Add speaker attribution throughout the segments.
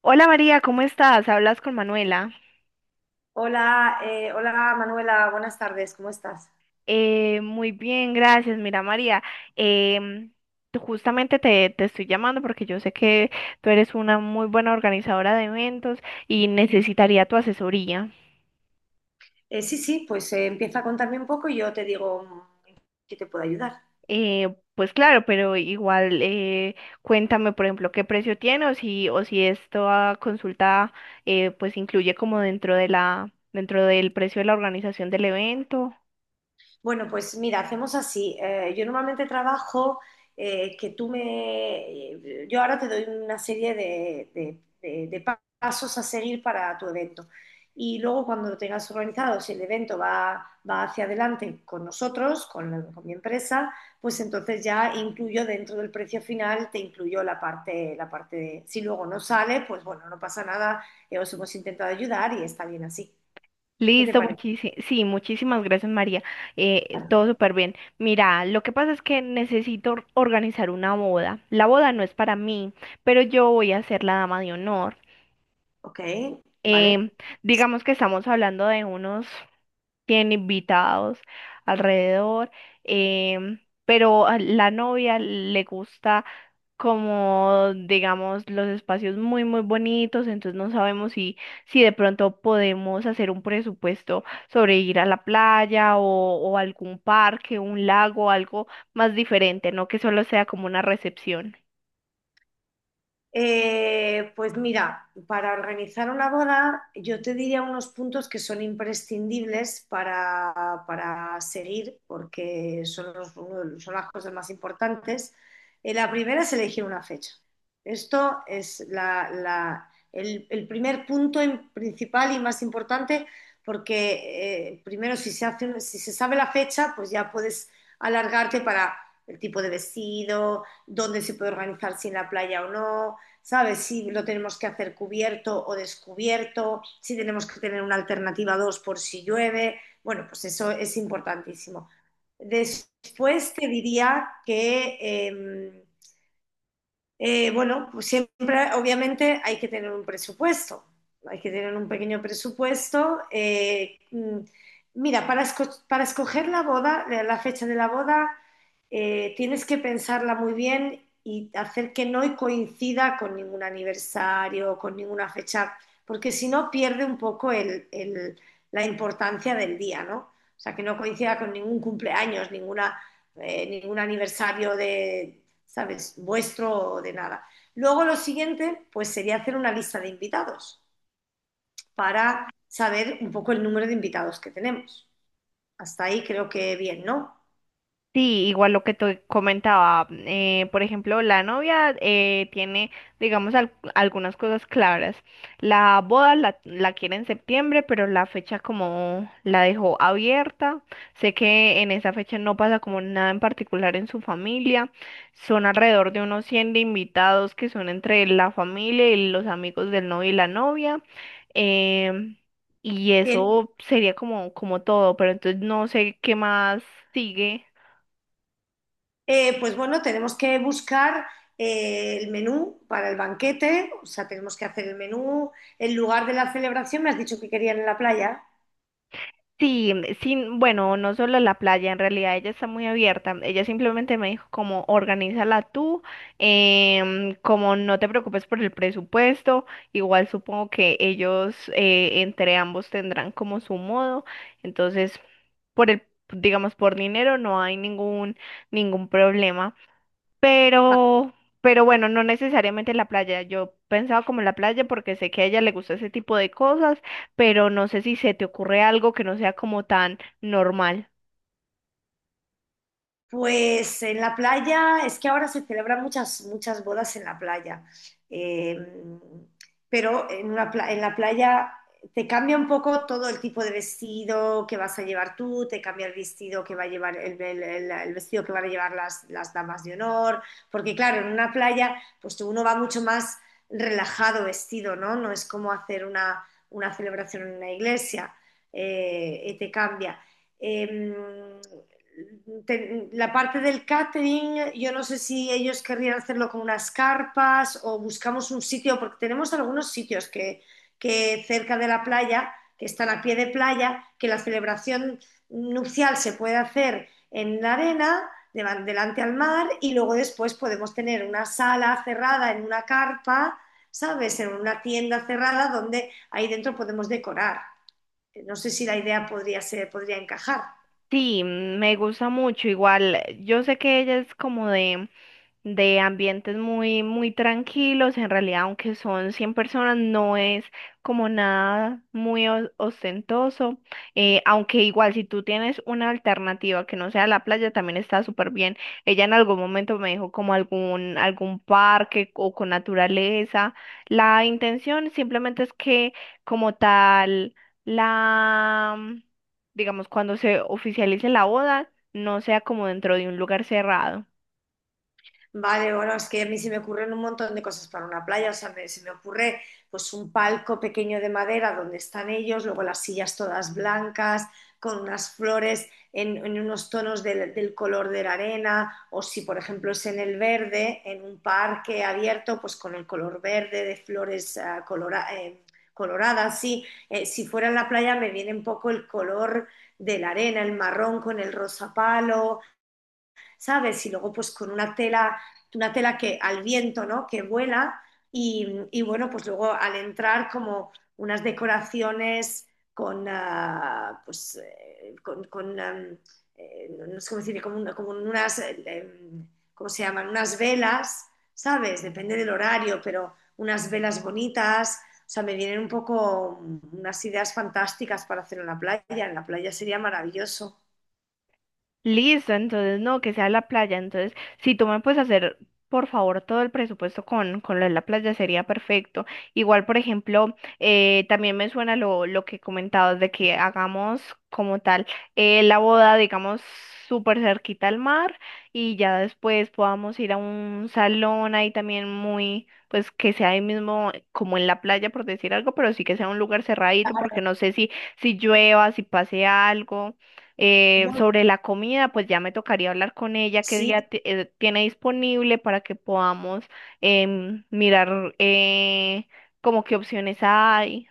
Speaker 1: Hola María, ¿cómo estás? Hablas con Manuela.
Speaker 2: Hola, hola Manuela, buenas tardes, ¿cómo estás?
Speaker 1: Muy bien, gracias. Mira María, em, justamente te estoy llamando porque yo sé que tú eres una muy buena organizadora de eventos y necesitaría tu asesoría.
Speaker 2: Sí, sí, pues empieza a contarme un poco y yo te digo en qué te puedo ayudar.
Speaker 1: Pues claro, pero igual cuéntame, por ejemplo, qué precio tiene o o si esta consulta pues incluye como dentro de dentro del precio de la organización del evento.
Speaker 2: Bueno, pues mira, hacemos así. Yo normalmente trabajo que tú me... Yo ahora te doy una serie de, pasos a seguir para tu evento. Y luego cuando lo tengas organizado, si el evento va hacia adelante con nosotros, con mi empresa, pues entonces ya incluyo dentro del precio final, te incluyo la parte de... Si luego no sale, pues bueno, no pasa nada, os hemos intentado ayudar y está bien así. ¿Qué te
Speaker 1: Listo,
Speaker 2: parece?
Speaker 1: muchísimas, sí, muchísimas gracias María.
Speaker 2: Vale.
Speaker 1: Todo súper bien. Mira, lo que pasa es que necesito organizar una boda. La boda no es para mí, pero yo voy a ser la dama de honor.
Speaker 2: Ok, vale.
Speaker 1: Em, digamos que estamos hablando de unos tiene invitados alrededor, pero a la novia le gusta como, digamos, los espacios muy, muy bonitos, entonces no sabemos si de pronto podemos hacer un presupuesto sobre ir a la playa o algún parque, un lago, algo más diferente, no que solo sea como una recepción.
Speaker 2: Pues mira, para organizar una boda, yo te diría unos puntos que son imprescindibles para seguir, porque son, uno son las cosas más importantes. La primera es elegir una fecha. Esto es el primer punto principal y más importante, porque primero si se hace, si se sabe la fecha, pues ya puedes alargarte para el tipo de vestido, dónde se puede organizar, si en la playa o no. ¿Sabes? Si lo tenemos que hacer cubierto o descubierto, si tenemos que tener una alternativa 2 por si llueve. Bueno, pues eso es importantísimo. Después te diría que bueno, pues siempre, obviamente, hay que tener un presupuesto. Hay que tener un pequeño presupuesto. Mira, para, para escoger la boda, la fecha de la boda, tienes que pensarla muy bien y hacer que no coincida con ningún aniversario, con ninguna fecha, porque si no pierde un poco la importancia del día, ¿no? O sea, que no coincida con ningún cumpleaños, ninguna, ningún aniversario de... ¿Sabes? Vuestro de nada. Luego lo siguiente, pues sería hacer una lista de invitados para saber un poco el número de invitados que tenemos. Hasta ahí creo que bien, ¿no?
Speaker 1: Sí, igual lo que te comentaba, por ejemplo, la novia tiene, digamos, algunas cosas claras. La boda la quiere en septiembre, pero la fecha como la dejó abierta. Sé que en esa fecha no pasa como nada en particular en su familia. Son alrededor de unos 100 de invitados que son entre la familia y los amigos del novio y la novia. Em, y
Speaker 2: Bien.
Speaker 1: eso sería como, como todo, pero entonces no sé qué más sigue.
Speaker 2: Pues bueno, tenemos que buscar el menú para el banquete, o sea, tenemos que hacer el menú, el lugar de la celebración, me has dicho que querían en la playa.
Speaker 1: Sí, sí, bueno, no solo la playa, en realidad ella está muy abierta. Ella simplemente me dijo como organízala tú, como no te preocupes por el presupuesto, igual supongo que ellos entre ambos tendrán como su modo. Entonces, por el, digamos, por dinero no hay ningún, ningún problema. Pero, pero bueno, no necesariamente en la playa. Yo pensaba como en la playa porque sé que a ella le gusta ese tipo de cosas, pero no sé si se te ocurre algo que no sea como tan normal.
Speaker 2: Pues en la playa, es que ahora se celebran muchas, muchas bodas en la playa. Eh, pero en, en la playa te cambia un poco todo el tipo de vestido que vas a llevar tú, te cambia el vestido que va a llevar el vestido que van a llevar las damas de honor, porque claro, en una playa pues uno va mucho más relajado vestido, ¿no? No es como hacer una celebración en una iglesia, y te cambia. Em, la parte del catering, yo no sé si ellos querrían hacerlo con unas carpas o buscamos un sitio, porque tenemos algunos sitios que cerca de la playa, que están a pie de playa, que la celebración nupcial se puede hacer en la arena, delante al mar, y luego después podemos tener una sala cerrada en una carpa. ¿Sabes? En una tienda cerrada donde ahí dentro podemos decorar. No sé si la idea podría ser, podría encajar.
Speaker 1: Sí, me gusta mucho. Igual, yo sé que ella es como de ambientes muy, muy tranquilos. En realidad, aunque son 100 personas, no es como nada muy ostentoso. Aunque igual, si tú tienes una alternativa que no sea la playa, también está súper bien. Ella en algún momento me dijo como algún, algún parque o con naturaleza. La intención simplemente es que como tal, la digamos, cuando se oficialice la boda, no sea como dentro de un lugar cerrado.
Speaker 2: Vale, bueno, es que a mí se me ocurren un montón de cosas para una playa, o sea, se me ocurre pues un palco pequeño de madera donde están ellos, luego las sillas todas blancas, con unas flores en unos tonos del color de la arena, o si por ejemplo es en el verde, en un parque abierto, pues con el color verde de flores ah, coloradas, sí. Si fuera en la playa me viene un poco el color de la arena, el marrón con el rosa palo. ¿Sabes? Y luego pues con una tela que al viento, ¿no? Que vuela y bueno, pues luego al entrar como unas decoraciones con, ah, pues, con, am, no, no sé cómo decir, como, como unas, ¿cómo se llaman? Unas velas. ¿Sabes? Depende del horario, pero unas velas bonitas. O sea, me vienen un poco unas ideas fantásticas para hacer en la playa. En la playa sería maravilloso.
Speaker 1: Listo, entonces no, que sea la playa. Entonces, si tú me puedes hacer, por favor, todo el presupuesto con lo de la playa sería perfecto. Igual, por ejemplo, también me suena lo que comentabas de que hagamos como tal la boda, digamos, súper cerquita al mar y ya después podamos ir a un salón ahí también muy, pues que sea ahí mismo como en la playa, por decir algo, pero sí que sea un lugar cerradito porque no sé si llueva, si pase algo.
Speaker 2: Bueno.
Speaker 1: Sobre la comida, pues ya me tocaría hablar con ella qué
Speaker 2: Sí.
Speaker 1: día tiene disponible para que podamos mirar como qué opciones hay,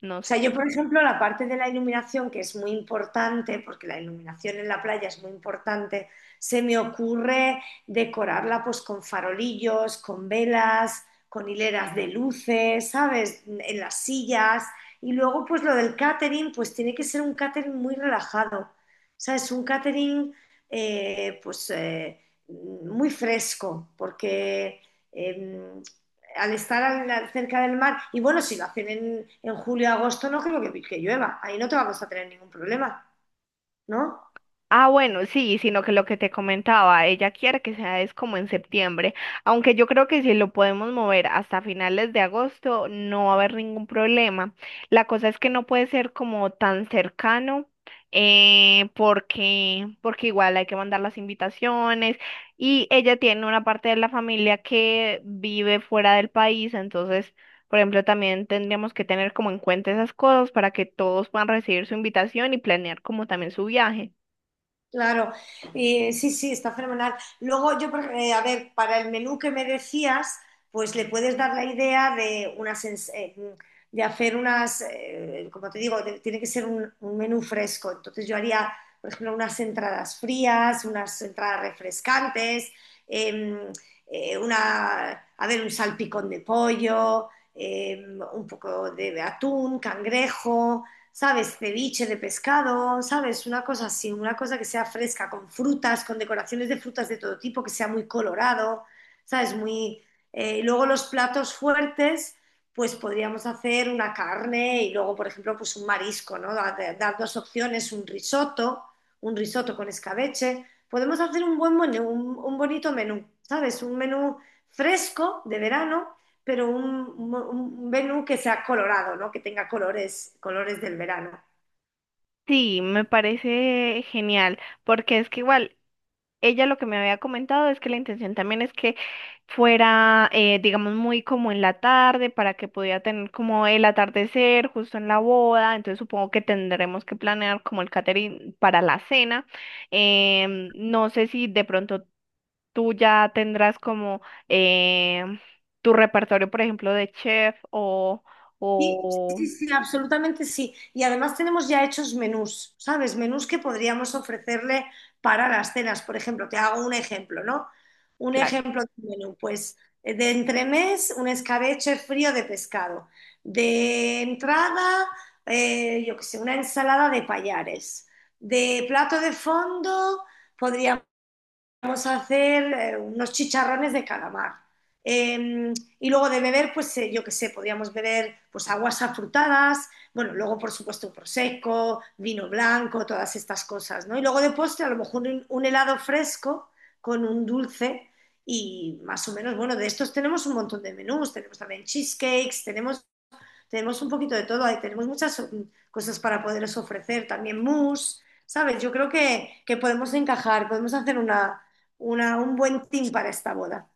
Speaker 1: no
Speaker 2: O sea,
Speaker 1: sé.
Speaker 2: yo, por ejemplo, la parte de la iluminación, que es muy importante, porque la iluminación en la playa es muy importante, se me ocurre decorarla pues con farolillos, con velas, con hileras de luces. ¿Sabes? En las sillas. Y luego, pues lo del catering, pues tiene que ser un catering muy relajado. ¿Sabes? Un catering, eh, pues, eh, muy fresco, porque eh, al estar cerca del mar, y bueno, si lo hacen en julio agosto, no creo que llueva, ahí no te vamos a tener ningún problema, ¿no?
Speaker 1: Ah, bueno, sí, sino que lo que te comentaba, ella quiere que sea es como en septiembre, aunque yo creo que si lo podemos mover hasta finales de agosto no va a haber ningún problema. La cosa es que no puede ser como tan cercano, porque, porque igual hay que mandar las invitaciones y ella tiene una parte de la familia que vive fuera del país, entonces, por ejemplo, también tendríamos que tener como en cuenta esas cosas para que todos puedan recibir su invitación y planear como también su viaje.
Speaker 2: Claro. Sí, sí, está fenomenal. Luego yo, a ver, para el menú que me decías, pues le puedes dar la idea de unas, de hacer unas, como te digo, tiene que ser un menú fresco. Entonces yo haría, por ejemplo, unas entradas frías, unas entradas refrescantes, eh, una, a ver, un salpicón de pollo, eh, un poco de atún, cangrejo. ¿Sabes? Ceviche de pescado. ¿Sabes? Una cosa así, una cosa que sea fresca, con frutas, con decoraciones de frutas de todo tipo, que sea muy colorado. ¿Sabes? Muy... Y luego los platos fuertes, pues podríamos hacer una carne y luego, por ejemplo, pues un marisco, ¿no? Dar dos opciones, un risotto con escabeche. Podemos hacer un buen menú, un bonito menú. ¿Sabes? Un menú fresco de verano pero un, menú que sea colorado, ¿no? Que tenga colores, colores del verano.
Speaker 1: Sí, me parece genial, porque es que igual ella lo que me había comentado es que la intención también es que fuera, digamos, muy como en la tarde para que pudiera tener como el atardecer justo en la boda, entonces supongo que tendremos que planear como el catering para la cena. No sé si de pronto tú ya tendrás como em, tu repertorio, por ejemplo, de chef
Speaker 2: Sí,
Speaker 1: o,
Speaker 2: sí, sí, absolutamente sí. Y además tenemos ya hechos menús. ¿Sabes? Menús que podríamos ofrecerle para las cenas. Por ejemplo, te hago un ejemplo, ¿no? Un
Speaker 1: claro.
Speaker 2: ejemplo de menú, pues de entremés, un escabeche frío de pescado. De entrada, yo qué sé, una ensalada de payares. De plato de fondo, podríamos vamos a hacer unos chicharrones de calamar. Eh, y luego de beber, pues yo qué sé, podíamos beber pues aguas afrutadas, bueno, luego por supuesto prosecco, vino blanco, todas estas cosas, ¿no? Y luego de postre a lo mejor un helado fresco con un dulce y más o menos, bueno, de estos tenemos un montón de menús, tenemos también cheesecakes, tenemos un poquito de todo, ahí tenemos muchas cosas para poderos ofrecer, también mousse. ¿Sabes? Yo creo que podemos encajar, podemos hacer una, un buen team para esta boda.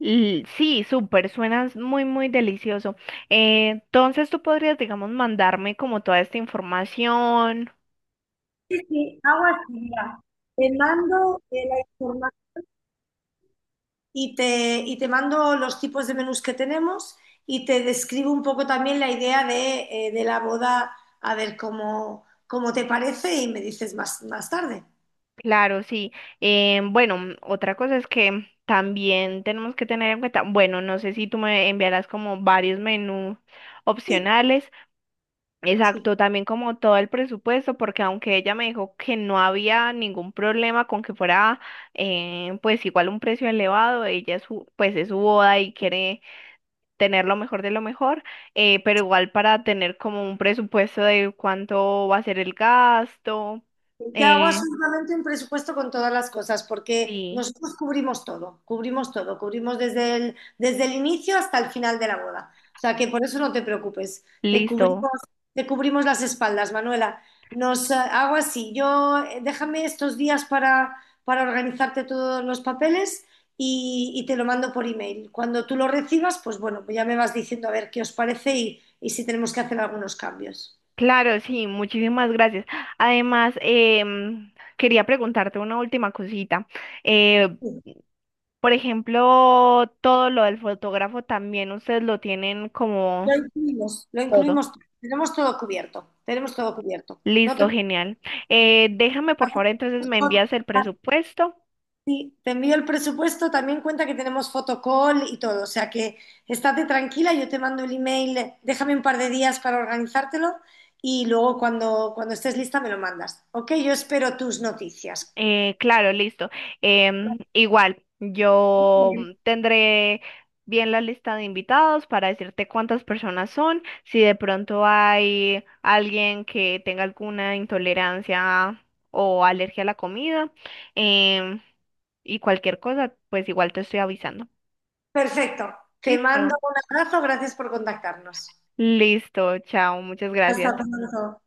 Speaker 1: Sí, súper, suena muy, muy delicioso. Entonces tú podrías, digamos, mandarme como toda esta información.
Speaker 2: Sí, sí, hago así, mira. Te mando la información. Y te mando los tipos de menús que tenemos y te describo un poco también la idea de la boda, a ver cómo, cómo te parece y me dices más, más tarde.
Speaker 1: Claro, sí. Bueno, otra cosa es que también tenemos que tener en cuenta, bueno, no sé si tú me enviarás como varios menús
Speaker 2: Sí,
Speaker 1: opcionales.
Speaker 2: sí.
Speaker 1: Exacto, también como todo el presupuesto, porque aunque ella me dijo que no había ningún problema con que fuera, pues igual un precio elevado, ella es pues es su boda y quiere tener lo mejor de lo mejor, pero igual para tener como un presupuesto de cuánto va a ser el gasto.
Speaker 2: Yo hago
Speaker 1: Eh,
Speaker 2: absolutamente un presupuesto con todas las cosas, porque
Speaker 1: sí,
Speaker 2: nosotros cubrimos todo, cubrimos todo, cubrimos desde el inicio hasta el final de la boda. O sea que por eso no te preocupes, te
Speaker 1: listo.
Speaker 2: cubrimos, te cubrimos las espaldas, Manuela. Nos Hago así, yo déjame estos días para organizarte todos los papeles y te lo mando por email. Cuando tú lo recibas, pues bueno, pues ya me vas diciendo a ver qué os parece y si tenemos que hacer algunos cambios.
Speaker 1: Claro, sí, muchísimas gracias. Además, quería preguntarte una última cosita. Eh, por ejemplo, todo lo del fotógrafo también ustedes lo tienen
Speaker 2: Lo
Speaker 1: como
Speaker 2: incluimos, lo
Speaker 1: todo.
Speaker 2: incluimos. Tenemos todo cubierto, tenemos todo cubierto. No
Speaker 1: Listo,
Speaker 2: te,
Speaker 1: genial. Déjame, por favor, entonces me
Speaker 2: no-
Speaker 1: envías el presupuesto
Speaker 2: Sí, te envío el presupuesto, también cuenta que tenemos fotocall y todo. O sea que estate tranquila, yo te mando el email, déjame un par de días para organizártelo y luego cuando, cuando estés lista me lo mandas. Ok, yo espero tus noticias.
Speaker 1: Claro, listo. Igual, yo
Speaker 2: Bien.
Speaker 1: tendré bien la lista de invitados para decirte cuántas personas son, si de pronto hay alguien que tenga alguna intolerancia o alergia a la comida, em, y cualquier cosa, pues igual te estoy avisando.
Speaker 2: Perfecto. Te mando
Speaker 1: Listo.
Speaker 2: un abrazo, gracias por contactarnos.
Speaker 1: Listo, chao, muchas gracias.
Speaker 2: Hasta pronto.